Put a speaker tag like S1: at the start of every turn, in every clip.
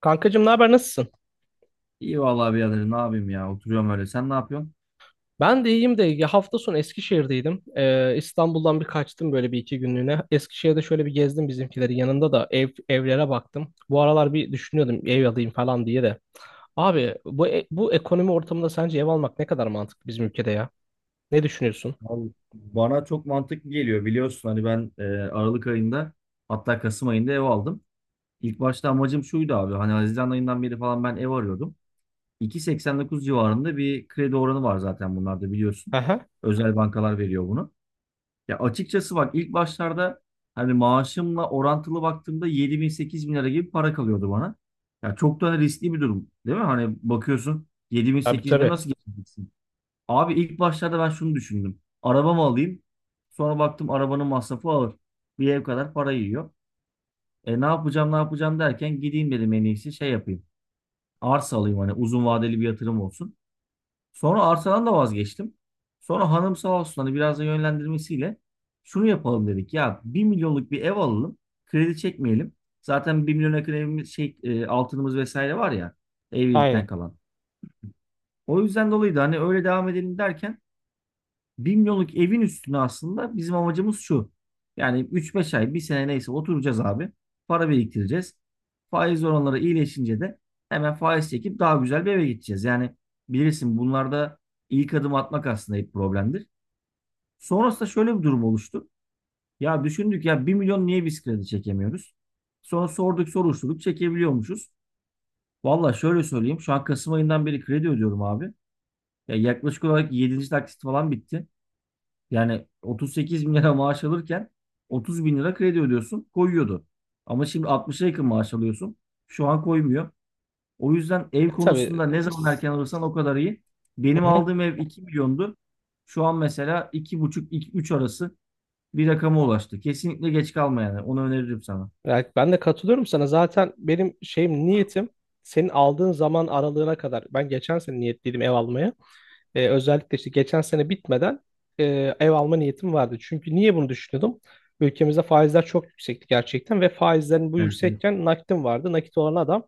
S1: Kankacığım ne haber nasılsın?
S2: İyi vallahi birader ne yapayım ya oturuyorum öyle. Sen ne yapıyorsun?
S1: Ben de iyiyim de ya hafta sonu Eskişehir'deydim. İstanbul'dan bir kaçtım böyle bir iki günlüğüne. Eskişehir'de şöyle bir gezdim bizimkileri. Yanında da evlere baktım. Bu aralar bir düşünüyordum ev alayım falan diye de. Abi bu ekonomi ortamında sence ev almak ne kadar mantıklı bizim ülkede ya? Ne düşünüyorsun?
S2: Vallahi bana çok mantıklı geliyor, biliyorsun hani ben Aralık ayında hatta Kasım ayında ev aldım. İlk başta amacım şuydu abi, hani Haziran ayından beri falan ben ev arıyordum. 2.89 civarında bir kredi oranı var zaten bunlarda biliyorsun.
S1: Aha.
S2: Özel bankalar veriyor bunu. Ya açıkçası bak, ilk başlarda hani maaşımla orantılı baktığımda 7 bin 8 bin lira gibi para kalıyordu bana. Ya çok da riskli bir durum değil mi? Hani bakıyorsun 7 bin
S1: Tabii
S2: 8 bin
S1: tabii.
S2: nasıl geçeceksin? Abi ilk başlarda ben şunu düşündüm. Araba mı alayım? Sonra baktım arabanın masrafı ağır. Bir ev kadar para yiyor. E ne yapacağım ne yapacağım derken gideyim dedim en iyisi şey yapayım. Arsa alayım, hani uzun vadeli bir yatırım olsun. Sonra arsadan da vazgeçtim. Sonra hanım sağ olsun, hani biraz da yönlendirmesiyle şunu yapalım dedik. Ya 1 milyonluk bir ev alalım. Kredi çekmeyelim. Zaten 1 milyon yakın evimiz altınımız vesaire var ya, evlilikten
S1: Aynen.
S2: kalan. O yüzden dolayı da hani öyle devam edelim derken 1 milyonluk evin üstüne aslında bizim amacımız şu. Yani üç beş ay, bir sene neyse oturacağız abi. Para biriktireceğiz. Faiz oranları iyileşince de hemen faiz çekip daha güzel bir eve gideceğiz. Yani bilirsin bunlarda ilk adım atmak aslında hep problemdir. Sonrasında şöyle bir durum oluştu. Ya düşündük, ya bir milyon niye biz kredi çekemiyoruz? Sonra sorduk soruşturduk, çekebiliyormuşuz. Valla şöyle söyleyeyim, şu an Kasım ayından beri kredi ödüyorum abi. Ya yaklaşık olarak yedinci taksit falan bitti. Yani 38 bin lira maaş alırken 30 bin lira kredi ödüyorsun, koyuyordu. Ama şimdi 60'a yakın maaş alıyorsun. Şu an koymuyor. O yüzden ev
S1: Ya, tabii.
S2: konusunda ne zaman
S1: s-
S2: erken alırsan o kadar iyi. Benim
S1: Hı hı.
S2: aldığım ev 2 milyondu. Şu an mesela 2,5-3 arası bir rakama ulaştı. Kesinlikle geç kalma yani. Onu öneririm sana.
S1: Yani ben de katılıyorum sana. Zaten benim niyetim senin aldığın zaman aralığına kadar. Ben geçen sene niyetliydim ev almaya. Özellikle işte geçen sene bitmeden e, ev alma niyetim vardı. Çünkü niye bunu düşünüyordum? Ülkemizde faizler çok yüksekti gerçekten ve faizlerin bu
S2: Evet, evet.
S1: yüksekken nakitim vardı. Nakit olan adam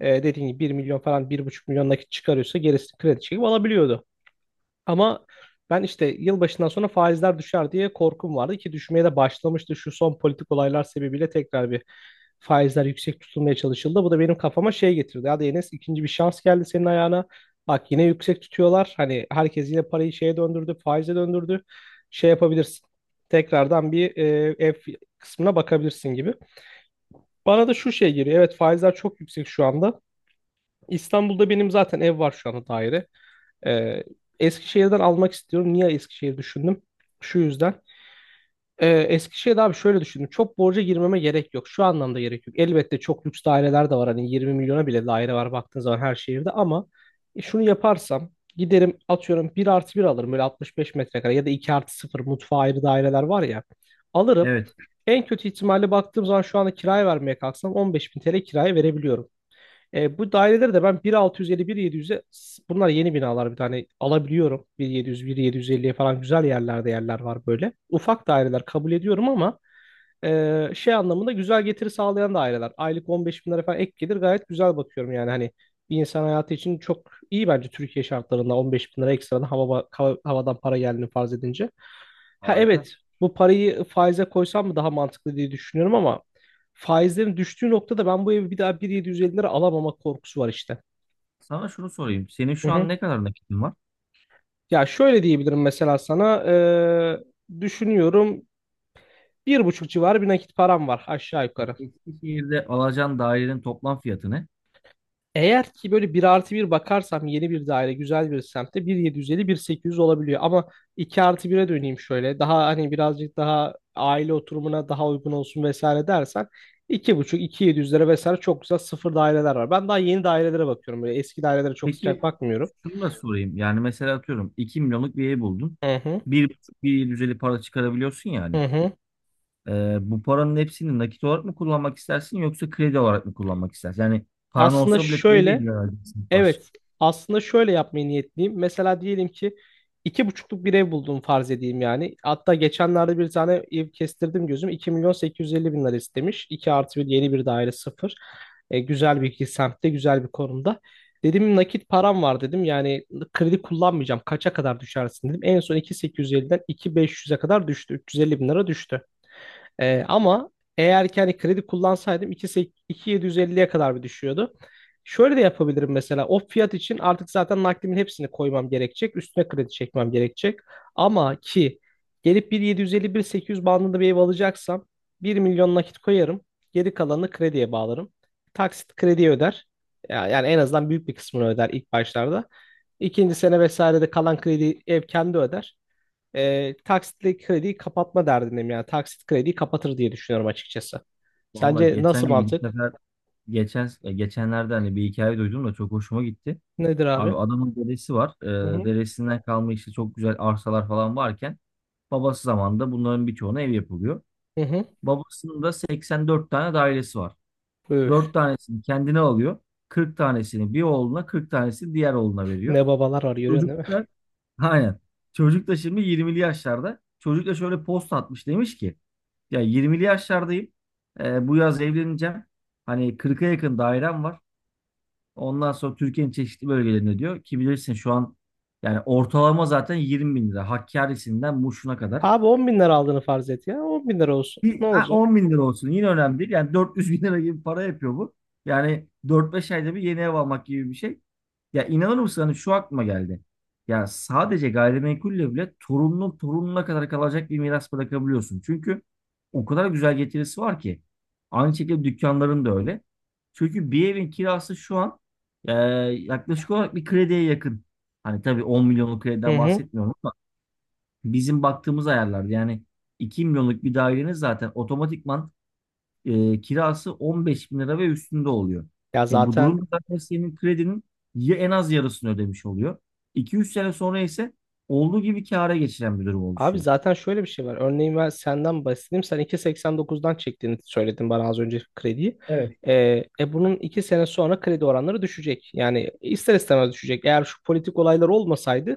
S1: dediğim gibi 1 milyon falan 1,5 milyon nakit çıkarıyorsa gerisini kredi çekip alabiliyordu. Ama ben işte yılbaşından sonra faizler düşer diye korkum vardı ki düşmeye de başlamıştı. Şu son politik olaylar sebebiyle tekrar bir faizler yüksek tutulmaya çalışıldı. Bu da benim kafama şey getirdi. Hadi Enes ikinci bir şans geldi senin ayağına. Bak yine yüksek tutuyorlar. Hani herkes yine parayı şeye döndürdü, faize döndürdü. Şey yapabilirsin. Tekrardan bir ev kısmına bakabilirsin gibi. Bana da şu şey geliyor. Evet faizler çok yüksek şu anda. İstanbul'da benim zaten ev var şu anda daire. Ee, Eskişehir'den almak istiyorum. Niye Eskişehir düşündüm? Şu yüzden. Eskişehir'de abi şöyle düşündüm. Çok borca girmeme gerek yok. Şu anlamda gerek yok. Elbette çok lüks daireler de var. Hani 20 milyona bile daire var baktığın zaman her şehirde ama şunu yaparsam giderim atıyorum bir artı bir alırım böyle 65 metrekare ya da 2 artı sıfır mutfağı ayrı daireler var ya alırım.
S2: Evet,
S1: En kötü ihtimalle baktığım zaman şu anda kiraya vermeye kalksam 15 bin TL kiraya verebiliyorum. Bu daireleri de ben 1.650, 1.700'e bunlar yeni binalar bir tane alabiliyorum. 1.700, 1.750'ye falan güzel yerlerde yerler var böyle. Ufak daireler kabul ediyorum ama şey anlamında güzel getiri sağlayan da aileler. Aylık 15 bin lira falan ek gelir gayet güzel bakıyorum yani hani bir insan hayatı için çok iyi bence Türkiye şartlarında 15 bin lira ekstradan havadan para geldiğini farz edince. Ha
S2: harika.
S1: evet bu parayı faize koysam mı daha mantıklı diye düşünüyorum ama faizlerin düştüğü noktada ben bu evi bir daha 1.750 lira alamama korkusu var işte.
S2: Sana şunu sorayım. Senin
S1: Hı
S2: şu
S1: hı.
S2: an ne kadar nakitin var?
S1: Ya şöyle diyebilirim mesela sana düşünüyorum bir buçuk civarı bir nakit param var aşağı yukarı.
S2: Eskişehir'de alacağın dairenin toplam fiyatı ne?
S1: Eğer ki böyle bir artı bir bakarsam yeni bir daire güzel bir semtte 1.750 1.800 olabiliyor ama 2 artı bir'e döneyim şöyle daha hani birazcık daha aile oturumuna daha uygun olsun vesaire dersen 2,5-2700'lere vesaire çok güzel sıfır daireler var. Ben daha yeni dairelere bakıyorum böyle eski dairelere çok
S2: Peki,
S1: sıcak bakmıyorum.
S2: şunu da sorayım. Yani mesela atıyorum 2 milyonluk bir ev buldun.
S1: Hı hı,
S2: 1,5 bir düzeli para çıkarabiliyorsun yani.
S1: hı hı.
S2: Bu paranın hepsini nakit olarak mı kullanmak istersin yoksa kredi olarak mı kullanmak istersin? Yani paran
S1: Aslında
S2: olsa bile krediye
S1: şöyle
S2: mi vereceksin baş?
S1: Evet, aslında şöyle yapmayı niyetliyim. Mesela diyelim ki iki buçukluk bir ev buldum farz edeyim yani. Hatta geçenlerde bir tane ev kestirdim gözüm. 2 milyon 850 bin lira istemiş. 2 artı bir yeni bir daire sıfır. Güzel bir iki semtte, güzel bir konumda. Dedim nakit param var dedim. Yani kredi kullanmayacağım. Kaça kadar düşersin dedim. En son 2.850'den 2.500'e kadar düştü. 350 bin lira düştü. Ama eğer ki hani kredi kullansaydım 2.750'ye kadar bir düşüyordu. Şöyle de yapabilirim mesela o fiyat için artık zaten nakdimin hepsini koymam gerekecek. Üstüne kredi çekmem gerekecek. Ama ki gelip 1.750-1.800 bandında bir ev alacaksam 1 milyon nakit koyarım. Geri kalanını krediye bağlarım. Taksit krediye öder. Yani en azından büyük bir kısmını öder ilk başlarda. İkinci sene vesaire de kalan kredi ev kendi öder taksitli krediyi kapatma derdindeyim yani taksit krediyi kapatır diye düşünüyorum açıkçası.
S2: Valla
S1: Sence
S2: geçen
S1: nasıl
S2: gün bir
S1: mantık?
S2: sefer geçenlerde hani bir hikaye duydum da çok hoşuma gitti.
S1: Nedir
S2: Abi
S1: abi?
S2: adamın dedesi var.
S1: Hı hı.
S2: Dedesinden kalma işte çok güzel arsalar falan varken babası zamanında bunların birçoğuna ev yapılıyor.
S1: Hı hı.
S2: Babasının da 84 tane dairesi var.
S1: Üf,
S2: 4 tanesini kendine alıyor. Kırk tanesini bir oğluna, 40 tanesini diğer oğluna veriyor.
S1: ne babalar var görüyorsun
S2: Çocuk
S1: değil mi?
S2: da aynen. Çocuk da şimdi 20'li yaşlarda. Çocuk da şöyle post atmış, demiş ki ya 20'li yaşlardayım. Bu yaz evleneceğim. Hani 40'a yakın dairem var. Ondan sonra Türkiye'nin çeşitli bölgelerinde diyor ki, bilirsin şu an yani ortalama zaten 20 bin lira. Hakkari'sinden Muş'una kadar.
S1: Abi 10 bin lira aldığını farz et ya. 10 bin lira olsun. Ne olacak?
S2: 10 bin lira olsun yine önemli değil. Yani 400 bin lira gibi para yapıyor bu. Yani 4-5 ayda bir yeni ev almak gibi bir şey. Ya inanır mısın, hani şu aklıma geldi. Ya sadece gayrimenkulle bile torunun torununa kadar kalacak bir miras bırakabiliyorsun. Çünkü o kadar güzel getirisi var ki. Aynı şekilde dükkanların da öyle. Çünkü bir evin kirası şu an yaklaşık olarak bir krediye yakın. Hani tabii 10 milyonluk
S1: Hı
S2: krediden
S1: hı.
S2: bahsetmiyorum, bizim baktığımız ayarlar, yani 2 milyonluk bir dairenin zaten otomatikman kirası 15 bin lira ve üstünde oluyor.
S1: Ya
S2: E, bu
S1: zaten
S2: durumda zaten senin kredinin ya en az yarısını ödemiş oluyor. 2 üç sene sonra ise olduğu gibi kâra geçiren bir durum
S1: Abi
S2: oluşuyor.
S1: zaten şöyle bir şey var. Örneğin ben senden bahsedeyim. Sen 2.89'dan çektiğini söyledin bana az önce krediyi. Ee, bunun 2 sene sonra kredi oranları düşecek. Yani ister istemez düşecek. Eğer şu politik olaylar olmasaydı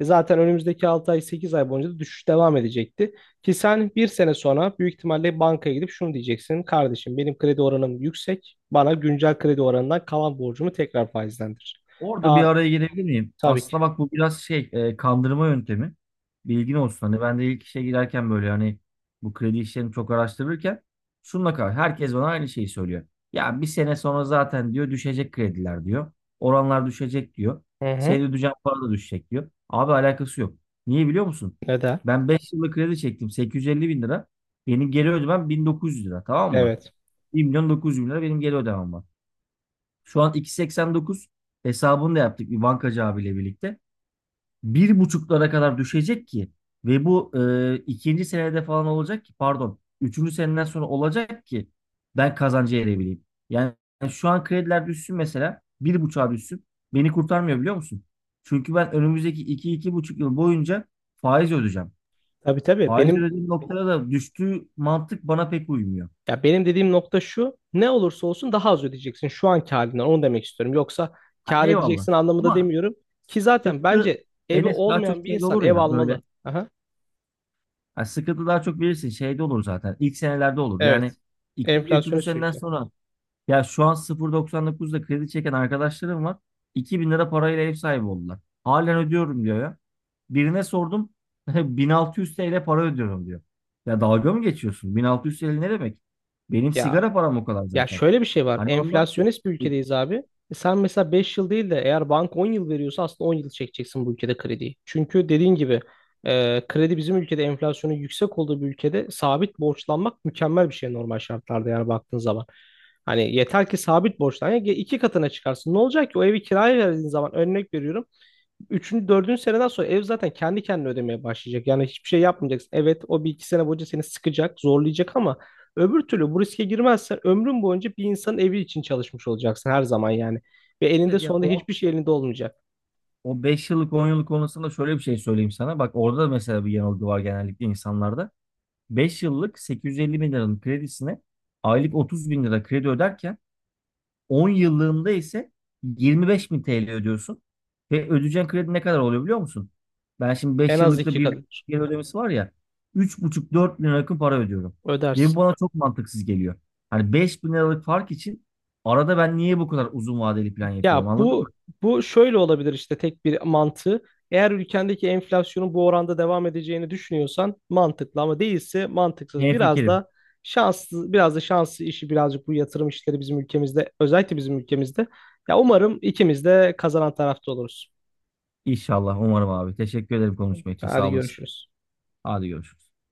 S1: zaten önümüzdeki 6 ay 8 ay boyunca da düşüş devam edecekti. Ki sen bir sene sonra büyük ihtimalle bankaya gidip şunu diyeceksin. Kardeşim benim kredi oranım yüksek. Bana güncel kredi oranından kalan borcumu tekrar faizlendir.
S2: Orada bir
S1: Daha
S2: araya girebilir miyim?
S1: tabii ki.
S2: Aslında bak, bu biraz kandırma yöntemi. Bilgin olsun. Hani ben de ilk işe girerken böyle hani bu kredi işlerini çok araştırırken şununla kar herkes bana aynı şeyi söylüyor. Ya bir sene sonra zaten diyor düşecek krediler diyor. Oranlar düşecek diyor.
S1: Hı hı.
S2: Senin ödeyeceğin para da düşecek diyor. Abi alakası yok. Niye biliyor musun?
S1: Neden?
S2: Ben 5 yıllık kredi çektim 850 bin lira. Benim geri ödemem 1900 lira, tamam mı?
S1: Evet.
S2: 1 milyon 900 bin lira benim geri ödemem var. Şu an 2.89 hesabını da yaptık bir bankacı abiyle birlikte. Bir buçuklara kadar düşecek ki ve bu ikinci senede falan olacak ki, pardon, üçüncü seneden sonra olacak ki ben kazancı erebileyim. Yani şu an krediler düşsün, mesela bir buçuğa düşsün, beni kurtarmıyor biliyor musun? Çünkü ben önümüzdeki iki iki buçuk yıl boyunca faiz ödeyeceğim.
S1: Tabii tabii.
S2: Faiz ödediğim noktada da düştüğü mantık bana pek uymuyor.
S1: Ya benim dediğim nokta şu, ne olursa olsun daha az ödeyeceksin şu anki halinden, onu demek istiyorum. Yoksa
S2: Ha,
S1: kâr
S2: eyvallah.
S1: edeceksin anlamında
S2: Ama
S1: demiyorum ki zaten
S2: sıkıntı
S1: bence evi
S2: Enes daha çok
S1: olmayan bir
S2: şey
S1: insan
S2: olur
S1: ev
S2: ya böyle.
S1: almalı. Aha,
S2: Ha, sıkıntı daha çok bilirsin şeyde olur zaten. İlk senelerde olur.
S1: evet,
S2: Yani ikinci, üçüncü
S1: Enflasyonu
S2: seneden
S1: sürüklüyor.
S2: sonra ya şu an 0.99'da kredi çeken arkadaşlarım var. 2 bin lira parayla ev sahibi oldular. Halen ödüyorum diyor ya. Birine sordum 1600 TL para ödüyorum diyor. Ya dalga mı geçiyorsun? 1600 TL ne demek? Benim
S1: Ya
S2: sigara param o kadar
S1: Ya
S2: zaten.
S1: şöyle bir şey var.
S2: Hani ondan
S1: Enflasyonist bir
S2: e,
S1: ülkedeyiz abi. E sen mesela 5 yıl değil de eğer bank 10 yıl veriyorsa aslında 10 yıl çekeceksin bu ülkede krediyi. Çünkü dediğin gibi kredi bizim ülkede enflasyonun yüksek olduğu bir ülkede sabit borçlanmak mükemmel bir şey normal şartlarda yani baktığın zaman. Hani yeter ki sabit borçlan. Ya iki katına çıkarsın. Ne olacak ki o evi kiraya verdiğin zaman örnek veriyorum. Üçüncü, dördüncü seneden sonra ev zaten kendi kendine ödemeye başlayacak. Yani hiçbir şey yapmayacaksın. Evet o bir iki sene boyunca seni sıkacak, zorlayacak ama öbür türlü bu riske girmezsen ömrün boyunca bir insanın evi için çalışmış olacaksın her zaman yani. Ve
S2: evet,
S1: elinde
S2: evet ya
S1: sonunda
S2: o
S1: hiçbir şey elinde olmayacak.
S2: o beş yıllık 10 yıllık konusunda şöyle bir şey söyleyeyim sana. Bak orada da mesela bir yanılgı var genellikle insanlarda. 5 yıllık 850 bin liranın kredisine aylık 30 bin lira kredi öderken 10 yıllığında ise 25 bin TL ödüyorsun. Ve ödeyeceğin kredi ne kadar oluyor biliyor musun? Ben şimdi
S1: En
S2: 5
S1: az
S2: yıllıkta
S1: iki
S2: bir
S1: kadar
S2: geri ödemesi var ya buçuk 4 bin lira yakın para ödüyorum. Ve bu
S1: ödersin.
S2: bana çok mantıksız geliyor. Hani 5 bin liralık fark için arada ben niye bu kadar uzun vadeli plan yapıyorum,
S1: Ya
S2: anladın mı?
S1: bu şöyle olabilir işte tek bir mantığı. Eğer ülkendeki enflasyonun bu oranda devam edeceğini düşünüyorsan mantıklı ama değilse mantıksız.
S2: Ne fikrim?
S1: Biraz da şanslı işi birazcık bu yatırım işleri bizim ülkemizde, özellikle bizim ülkemizde. Ya umarım ikimiz de kazanan tarafta oluruz.
S2: İnşallah umarım abi. Teşekkür ederim konuşma için,
S1: Hadi
S2: sağ olasın.
S1: görüşürüz.
S2: Hadi görüşürüz.